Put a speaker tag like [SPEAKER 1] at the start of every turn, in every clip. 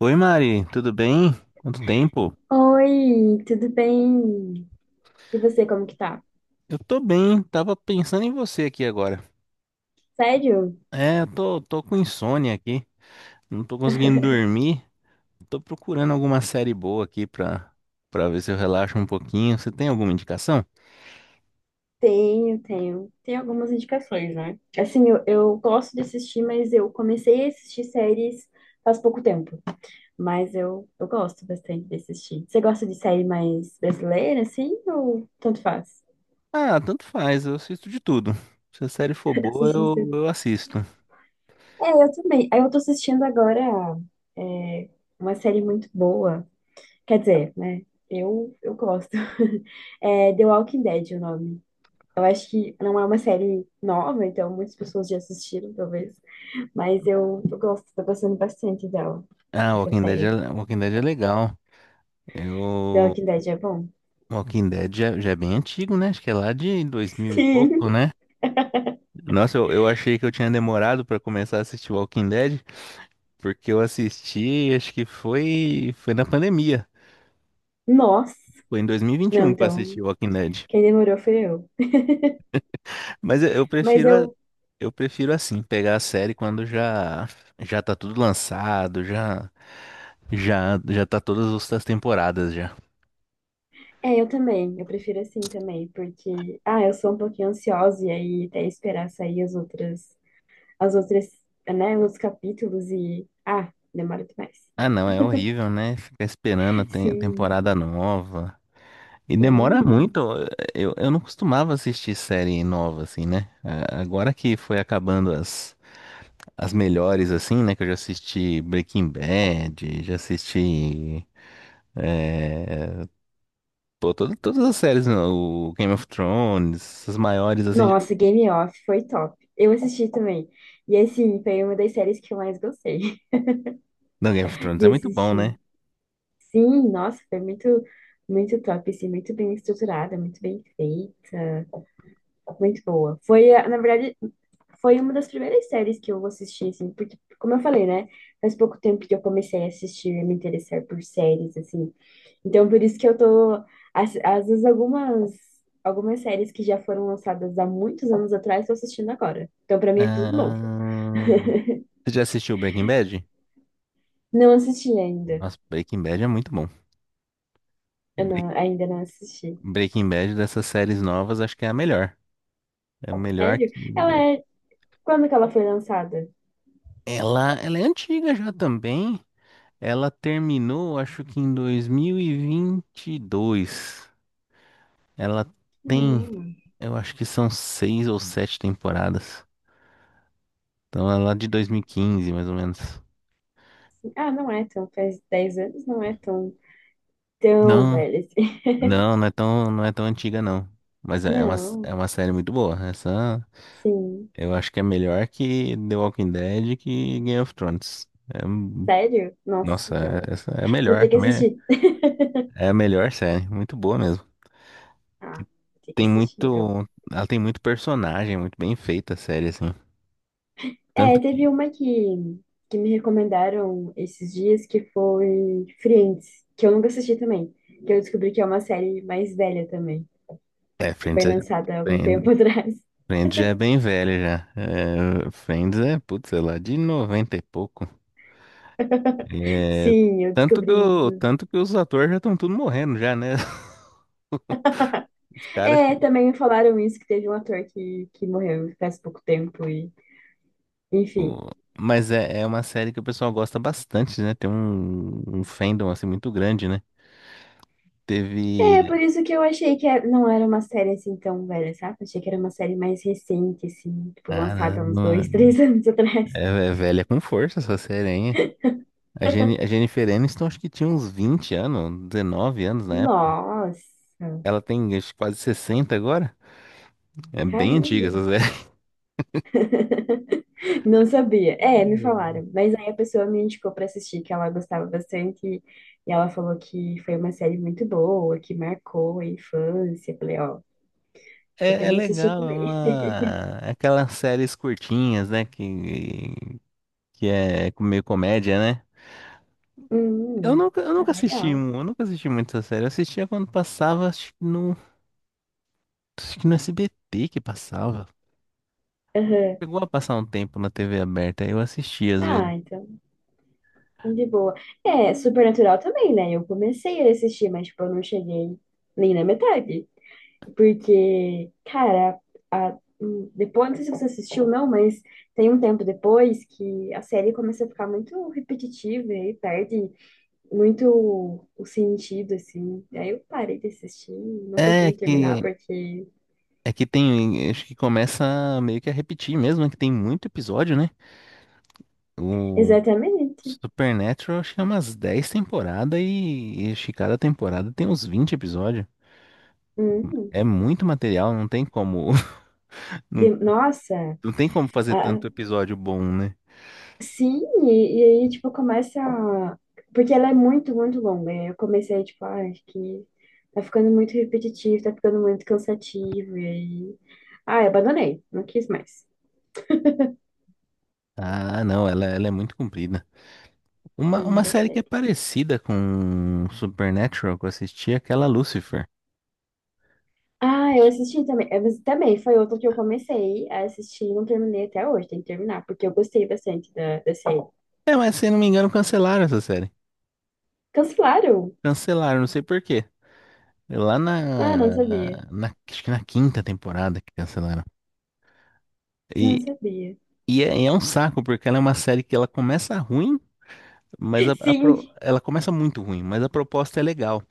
[SPEAKER 1] Oi, Mari, tudo bem? Quanto tempo?
[SPEAKER 2] Oi, tudo bem? E você, como que tá?
[SPEAKER 1] Eu tô bem, tava pensando em você aqui agora.
[SPEAKER 2] Sério?
[SPEAKER 1] Eu tô com insônia aqui, não tô conseguindo dormir. Tô procurando alguma série boa aqui pra ver se eu relaxo um pouquinho. Você tem alguma indicação?
[SPEAKER 2] Tenho, tenho. Tem algumas indicações, né? Assim, eu gosto de assistir, mas eu comecei a assistir séries faz pouco tempo. Mas eu gosto bastante de assistir. Você gosta de série mais brasileira, assim, ou tanto faz?
[SPEAKER 1] Ah, tanto faz, eu assisto de tudo. Se a série for boa,
[SPEAKER 2] Assistir
[SPEAKER 1] eu,
[SPEAKER 2] série.
[SPEAKER 1] eu assisto.
[SPEAKER 2] É, eu também. Aí eu tô assistindo agora é, uma série muito boa. Quer dizer, né? Eu gosto. É The Walking Dead, o nome. Eu acho que não é uma série nova, então muitas pessoas já assistiram, talvez. Mas eu gosto, tô gostando bastante dela,
[SPEAKER 1] Ah,
[SPEAKER 2] essa série.
[SPEAKER 1] Walking Dead é legal.
[SPEAKER 2] The
[SPEAKER 1] Eu,
[SPEAKER 2] Walking Dead é bom.
[SPEAKER 1] Walking Dead já é bem antigo, né? Acho que é lá de dois mil e
[SPEAKER 2] Sim.
[SPEAKER 1] pouco, né? Nossa, eu achei que eu tinha demorado pra começar a assistir Walking Dead, porque eu assisti, acho que foi na pandemia.
[SPEAKER 2] Nossa.
[SPEAKER 1] Foi em
[SPEAKER 2] Não,
[SPEAKER 1] 2021 que eu
[SPEAKER 2] então,
[SPEAKER 1] assisti Walking Dead.
[SPEAKER 2] quem demorou foi eu.
[SPEAKER 1] Mas eu
[SPEAKER 2] Mas
[SPEAKER 1] prefiro,
[SPEAKER 2] eu,
[SPEAKER 1] eu prefiro assim, pegar a série quando já já tá tudo lançado, já já tá as temporadas já.
[SPEAKER 2] é, eu também. Eu prefiro assim também, porque, ah, eu sou um pouquinho ansiosa e aí até esperar sair as outras, né, os capítulos e, ah, demora demais.
[SPEAKER 1] Ah, não, é horrível, né? Ficar esperando a
[SPEAKER 2] Sim.
[SPEAKER 1] temporada nova. E demora
[SPEAKER 2] Hum.
[SPEAKER 1] muito. Eu não costumava assistir série nova assim, né? Ah, agora que foi acabando as as melhores, assim, né? Que eu já assisti Breaking Bad, já assisti. É, pô, todas as séries, né, o Game of Thrones, as maiores, assim.
[SPEAKER 2] Nossa, Game Off foi top. Eu assisti também. E assim, foi uma das séries que eu mais gostei
[SPEAKER 1] Não, Game of Thrones é
[SPEAKER 2] de
[SPEAKER 1] muito bom, né?
[SPEAKER 2] assistir. Sim, nossa, foi muito, muito top, assim, muito bem estruturada, muito bem feita, muito boa. Foi, na verdade, foi uma das primeiras séries que eu assisti, assim, porque, como eu falei, né? Faz pouco tempo que eu comecei a assistir e me interessar por séries, assim. Então, por isso que eu tô, às, às vezes, algumas séries que já foram lançadas há muitos anos atrás, estou assistindo agora. Então, pra mim é tudo novo.
[SPEAKER 1] Ah, você já assistiu Breaking Bad?
[SPEAKER 2] Não assisti ainda.
[SPEAKER 1] Nossa, Breaking Bad é muito bom.
[SPEAKER 2] Eu
[SPEAKER 1] Bre-
[SPEAKER 2] não, ainda não assisti.
[SPEAKER 1] Breaking Bad dessas séries novas, acho que é a melhor. É a melhor
[SPEAKER 2] Sério? Ela
[SPEAKER 1] que.
[SPEAKER 2] é. Quando que ela foi lançada?
[SPEAKER 1] Ela é antiga já também. Ela terminou, acho que em 2022. Ela tem.
[SPEAKER 2] Não.
[SPEAKER 1] Eu acho que são seis ou sete temporadas. Então é lá de 2015, mais ou menos.
[SPEAKER 2] Ah, não é tão. Faz 10 anos, não é tão, tão
[SPEAKER 1] Não,
[SPEAKER 2] velha assim.
[SPEAKER 1] não, não é tão antiga, não. Mas é uma,
[SPEAKER 2] Não.
[SPEAKER 1] é uma série muito boa. Essa
[SPEAKER 2] Sim.
[SPEAKER 1] eu acho que é melhor que The Walking Dead e que Game of Thrones. É,
[SPEAKER 2] Sério? Nossa,
[SPEAKER 1] nossa,
[SPEAKER 2] então.
[SPEAKER 1] essa é a
[SPEAKER 2] Vou ter
[SPEAKER 1] melhor.
[SPEAKER 2] que assistir.
[SPEAKER 1] É a melhor série. Muito boa mesmo. Que
[SPEAKER 2] Ah, vou ter que
[SPEAKER 1] tem
[SPEAKER 2] assistir, então.
[SPEAKER 1] muito. Ela tem muito personagem, muito bem feita a série, assim.
[SPEAKER 2] É,
[SPEAKER 1] Tanto que.
[SPEAKER 2] teve uma que me recomendaram esses dias que foi Friends, que eu nunca assisti também. Que eu descobri que é uma série mais velha também,
[SPEAKER 1] É,
[SPEAKER 2] que
[SPEAKER 1] Friends
[SPEAKER 2] foi
[SPEAKER 1] é,
[SPEAKER 2] lançada há algum tempo atrás.
[SPEAKER 1] Friends já é bem velho já. É, Friends é, putz, sei lá, de 90 e pouco. É,
[SPEAKER 2] Sim, eu descobri isso.
[SPEAKER 1] tanto que os atores já estão tudo morrendo já, né? Os caras que...
[SPEAKER 2] É, também me falaram isso, que teve um ator que morreu faz pouco tempo e, enfim.
[SPEAKER 1] o- Mas é uma série que o pessoal gosta bastante, né? Tem um fandom, assim, muito grande, né? Teve...
[SPEAKER 2] É, por isso que eu achei que não era uma série assim tão velha, sabe? Achei que era uma série mais recente, assim, tipo, lançada uns
[SPEAKER 1] Caramba,
[SPEAKER 2] dois, três anos atrás.
[SPEAKER 1] é velha com força essa série, hein? A Jennifer Aniston acho que tinha uns 20 anos, 19 anos na época.
[SPEAKER 2] Nossa,
[SPEAKER 1] Ela tem acho, que, quase 60 agora. É bem
[SPEAKER 2] caramba.
[SPEAKER 1] antiga essa série.
[SPEAKER 2] Não sabia. É, me falaram. Mas aí a pessoa me indicou pra assistir, que ela gostava bastante. E ela falou que foi uma série muito boa, que marcou a infância. Eu falei, ó, tô
[SPEAKER 1] É, é
[SPEAKER 2] querendo assistir
[SPEAKER 1] legal, é
[SPEAKER 2] também.
[SPEAKER 1] uma aquelas séries curtinhas, né? Que é meio comédia, né?
[SPEAKER 2] Hum,
[SPEAKER 1] Eu nunca
[SPEAKER 2] tá
[SPEAKER 1] assisti,
[SPEAKER 2] legal.
[SPEAKER 1] eu nunca assisti muito essa série. Eu assistia quando passava, acho que no SBT que passava.
[SPEAKER 2] Aham.
[SPEAKER 1] Chegou a passar um tempo na TV aberta, aí eu assistia às vezes.
[SPEAKER 2] Ah, então, de boa. É, Supernatural também, né? Eu comecei a assistir, mas, tipo, eu não cheguei nem na metade. Porque, cara, depois, não sei se você assistiu, não, mas tem um tempo depois que a série começa a ficar muito repetitiva e perde muito o sentido, assim. Aí eu parei de assistir, não
[SPEAKER 1] É
[SPEAKER 2] pretendo terminar,
[SPEAKER 1] que
[SPEAKER 2] porque.
[SPEAKER 1] é que tem, acho que começa meio que a repetir mesmo, é que tem muito episódio, né? O
[SPEAKER 2] Exatamente.
[SPEAKER 1] Supernatural acho que é umas 10 temporadas e acho que cada temporada tem uns 20 episódios.
[SPEAKER 2] Hum.
[SPEAKER 1] É muito material, não tem como, não,
[SPEAKER 2] Nossa.
[SPEAKER 1] não tem como fazer tanto episódio bom, né?
[SPEAKER 2] Sim, e aí, tipo, Porque ela é muito, muito longa. E aí eu comecei, tipo, ah, acho que tá ficando muito repetitivo, tá ficando muito cansativo. E aí. Ah, eu abandonei. Não quis mais.
[SPEAKER 1] Ah, não, ela é muito comprida. Uma,
[SPEAKER 2] Não
[SPEAKER 1] uma série que é
[SPEAKER 2] gostei.
[SPEAKER 1] parecida com Supernatural que eu assisti, é aquela Lucifer.
[SPEAKER 2] Ah, eu assisti também. Mas também foi outro que eu comecei a assistir e não terminei até hoje. Tem que terminar, porque eu gostei bastante da série.
[SPEAKER 1] É, mas se eu não me engano, cancelaram essa série.
[SPEAKER 2] Cancelaram?
[SPEAKER 1] Cancelaram, não sei por quê. É
[SPEAKER 2] Ah, não sabia.
[SPEAKER 1] acho que na quinta temporada que cancelaram. E,
[SPEAKER 2] Não sabia.
[SPEAKER 1] e é, é um saco, porque ela é uma série que ela começa ruim, mas
[SPEAKER 2] Sim!
[SPEAKER 1] ela começa muito ruim, mas a proposta é legal.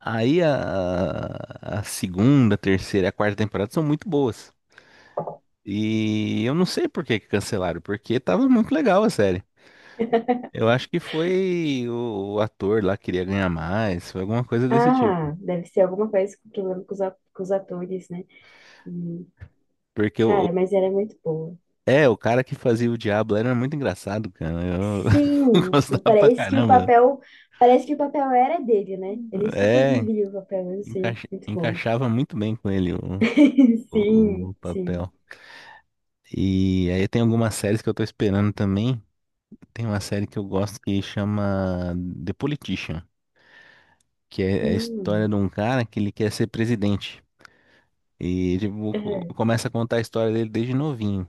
[SPEAKER 1] Aí a, a segunda, terceira e a quarta temporada são muito boas. E eu não sei por que que cancelaram, porque tava muito legal a série. Eu acho que foi o ator lá que queria ganhar mais, foi alguma coisa desse tipo.
[SPEAKER 2] Ah, deve ser alguma coisa com problema com os, com os atores, né?
[SPEAKER 1] Porque
[SPEAKER 2] Cara, mas era muito boa.
[SPEAKER 1] o cara que fazia o Diablo era muito engraçado, cara. Eu
[SPEAKER 2] Sim, tipo,
[SPEAKER 1] gostava pra
[SPEAKER 2] parece que o
[SPEAKER 1] caramba.
[SPEAKER 2] papel, parece que o papel era dele, né? Ele super
[SPEAKER 1] É,
[SPEAKER 2] o papel, assim, muito bom.
[SPEAKER 1] encaixava muito bem com ele
[SPEAKER 2] Sim,
[SPEAKER 1] o
[SPEAKER 2] sim.
[SPEAKER 1] papel. E aí tem algumas séries que eu tô esperando também. Tem uma série que eu gosto que chama The Politician, que é a história
[SPEAKER 2] Hum,
[SPEAKER 1] de um cara que ele quer ser presidente. E tipo,
[SPEAKER 2] é.
[SPEAKER 1] começa a contar a história dele desde novinho.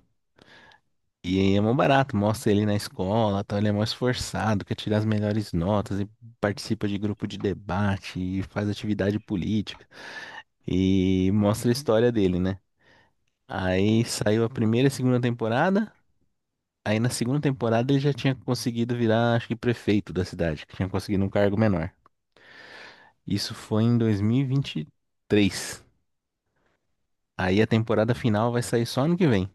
[SPEAKER 1] E aí é mó barato, mostra ele na escola, tal, ele é mó esforçado, quer tirar as melhores notas e participa de grupo de debate e faz atividade política. E mostra a história dele, né? Aí saiu a primeira e a segunda temporada. Aí na segunda temporada ele já tinha conseguido virar, acho que prefeito da cidade, que tinha conseguido um cargo menor. Isso foi em 2023. Aí a temporada final vai sair só ano que vem.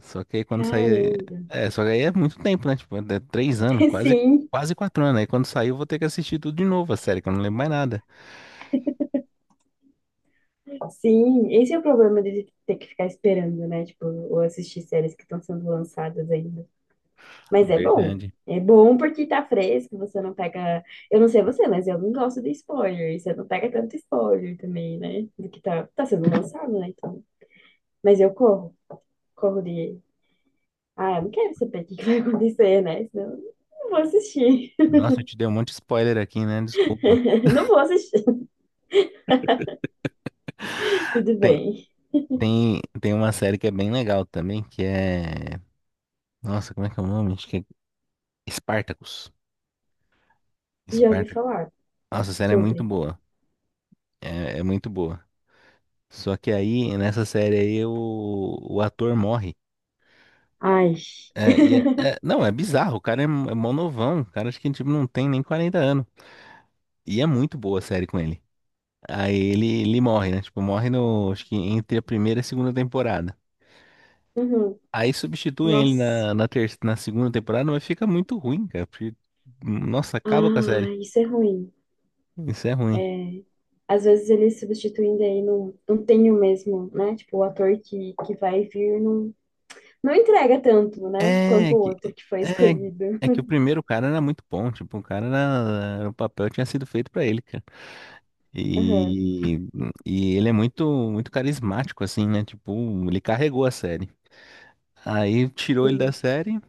[SPEAKER 1] Só que aí quando sair.
[SPEAKER 2] Caramba.
[SPEAKER 1] É, só que aí é muito tempo, né? Tipo, é três anos, quase,
[SPEAKER 2] Sim,
[SPEAKER 1] quase quatro anos. Aí quando sair eu vou ter que assistir tudo de novo a série, que eu não lembro mais nada.
[SPEAKER 2] sim. Esse é o problema de ter que ficar esperando, né? Tipo, ou assistir séries que estão sendo lançadas ainda. Mas é bom.
[SPEAKER 1] Verdade.
[SPEAKER 2] É bom porque tá fresco, você não pega. Eu não sei você, mas eu não gosto de spoiler. Você não pega tanto spoiler também, né? Do que tá, tá sendo lançado, né? Então. Mas eu corro. Corro de. Ah, eu não quero saber o que que vai acontecer, né? Senão eu não vou assistir.
[SPEAKER 1] Nossa, eu te dei um monte de spoiler aqui, né? Desculpa.
[SPEAKER 2] Não vou assistir. Tudo
[SPEAKER 1] Tem,
[SPEAKER 2] bem.
[SPEAKER 1] tem uma série que é bem legal também, que é. Nossa, como é que é o nome? Acho que é Spartacus.
[SPEAKER 2] Já ouvi
[SPEAKER 1] Spartacus.
[SPEAKER 2] falar
[SPEAKER 1] Nossa, a série é muito
[SPEAKER 2] sobre.
[SPEAKER 1] boa. É, é muito boa. Só que aí, nessa série aí, o ator morre.
[SPEAKER 2] Ai.
[SPEAKER 1] É, e não, é bizarro. O cara é, é mó novão. O cara acho que tipo, não tem nem 40 anos. E é muito boa a série com ele. Aí ele morre, né? Tipo, morre no, acho que entre a primeira e a segunda temporada.
[SPEAKER 2] Uhum.
[SPEAKER 1] Aí substituem ele
[SPEAKER 2] Nossa.
[SPEAKER 1] na segunda temporada, mas fica muito ruim, cara. Porque, nossa, acaba com a série.
[SPEAKER 2] Ah, isso é ruim.
[SPEAKER 1] Isso é ruim.
[SPEAKER 2] É. Às vezes eles substituindo aí não, não tem o mesmo, né? Tipo, o ator que vai vir não, não entrega tanto, né? Quanto
[SPEAKER 1] É
[SPEAKER 2] o
[SPEAKER 1] que,
[SPEAKER 2] outro que foi
[SPEAKER 1] é,
[SPEAKER 2] escolhido.
[SPEAKER 1] é que o primeiro cara era muito bom. Tipo, o cara era, o papel tinha sido feito pra ele, cara.
[SPEAKER 2] Aham.
[SPEAKER 1] E, e ele é muito, muito carismático, assim, né? Tipo, ele carregou a série. Aí tirou ele da
[SPEAKER 2] Sim.
[SPEAKER 1] série,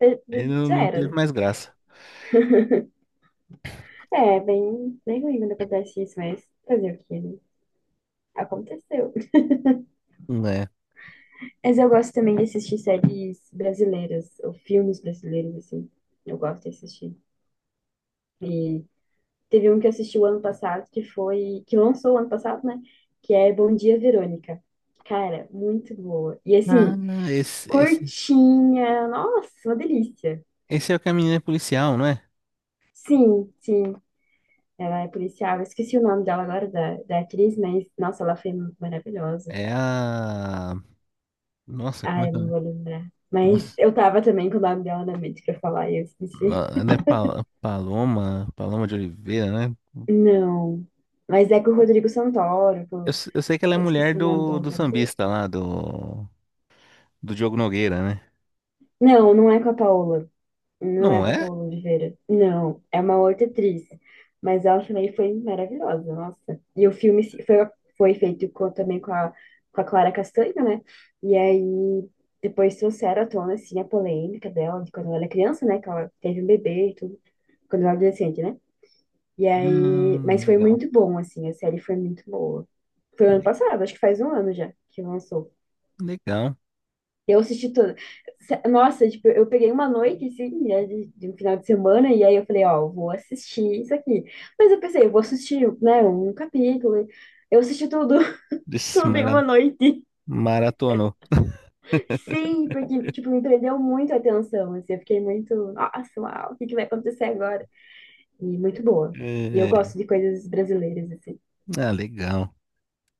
[SPEAKER 1] ele não,
[SPEAKER 2] Já
[SPEAKER 1] não
[SPEAKER 2] era,
[SPEAKER 1] teve
[SPEAKER 2] né?
[SPEAKER 1] mais graça.
[SPEAKER 2] É, bem, bem ruim quando acontece isso, mas fazer o quê, né? Aconteceu.
[SPEAKER 1] É.
[SPEAKER 2] Mas eu gosto também de assistir séries brasileiras, ou filmes brasileiros, assim. Eu gosto de assistir. E teve um que eu assisti o ano passado, que foi, que lançou o ano passado, né? Que é Bom Dia, Verônica. Cara, muito boa. E
[SPEAKER 1] Ah,
[SPEAKER 2] assim,
[SPEAKER 1] não, esse, esse,
[SPEAKER 2] curtinha, nossa, uma delícia.
[SPEAKER 1] esse é o que a menina é policial, não é?
[SPEAKER 2] Sim, sim. Ela é policial, eu esqueci o nome dela agora, da atriz, mas, nossa, ela foi maravilhosa.
[SPEAKER 1] É a. Nossa, como
[SPEAKER 2] Ah,
[SPEAKER 1] é
[SPEAKER 2] eu
[SPEAKER 1] que
[SPEAKER 2] não vou
[SPEAKER 1] é?
[SPEAKER 2] lembrar. Mas
[SPEAKER 1] Nossa,
[SPEAKER 2] eu tava também com o nome dela na mente pra falar e eu esqueci.
[SPEAKER 1] Paloma, Paloma de Oliveira, né?
[SPEAKER 2] Não. Mas é com o Rodrigo Santoro.
[SPEAKER 1] Eu, eu sei que ela é
[SPEAKER 2] Eu
[SPEAKER 1] mulher
[SPEAKER 2] esqueci o nome do
[SPEAKER 1] do, do
[SPEAKER 2] outro ator.
[SPEAKER 1] sambista lá, do Diogo Nogueira, né?
[SPEAKER 2] Não, não é com a Paola. Não é
[SPEAKER 1] Não
[SPEAKER 2] com a
[SPEAKER 1] é?
[SPEAKER 2] Paola Oliveira. Não, é uma outra atriz. Mas ela também foi maravilhosa, nossa. E o filme foi, foi feito também com a Clara Castanho, né? E aí depois trouxeram à tona, assim, a polêmica dela de quando ela era criança, né? Que ela teve um bebê e tudo. Quando ela era adolescente, né? E aí, mas foi
[SPEAKER 1] Legal.
[SPEAKER 2] muito bom, assim, a série foi muito boa. Foi o ano
[SPEAKER 1] Le-
[SPEAKER 2] passado, acho que faz 1 ano já que lançou.
[SPEAKER 1] Legal.
[SPEAKER 2] Eu assisti toda. Nossa, tipo, eu peguei uma noite, assim, né, de um final de semana, e aí eu falei, ó, vou assistir isso aqui. Mas eu pensei, eu vou assistir, né, um capítulo. Eu assisti tudo, tudo em uma noite.
[SPEAKER 1] Maratonou.
[SPEAKER 2] Sim, porque, tipo, me prendeu muito a atenção, assim, eu fiquei muito, nossa, uau, o que que vai acontecer agora? E muito boa. E eu
[SPEAKER 1] É,
[SPEAKER 2] gosto de coisas brasileiras, assim,
[SPEAKER 1] Ah, legal.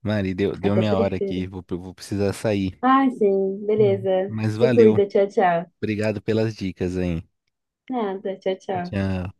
[SPEAKER 1] Mari, deu
[SPEAKER 2] até
[SPEAKER 1] minha hora aqui.
[SPEAKER 2] prefiro.
[SPEAKER 1] Vou precisar sair.
[SPEAKER 2] Ah, sim,
[SPEAKER 1] Hum.
[SPEAKER 2] beleza.
[SPEAKER 1] Mas
[SPEAKER 2] Se
[SPEAKER 1] valeu.
[SPEAKER 2] cuida, tchau, tchau.
[SPEAKER 1] Obrigado pelas dicas aí.
[SPEAKER 2] Nada, tchau, tchau.
[SPEAKER 1] Tchau.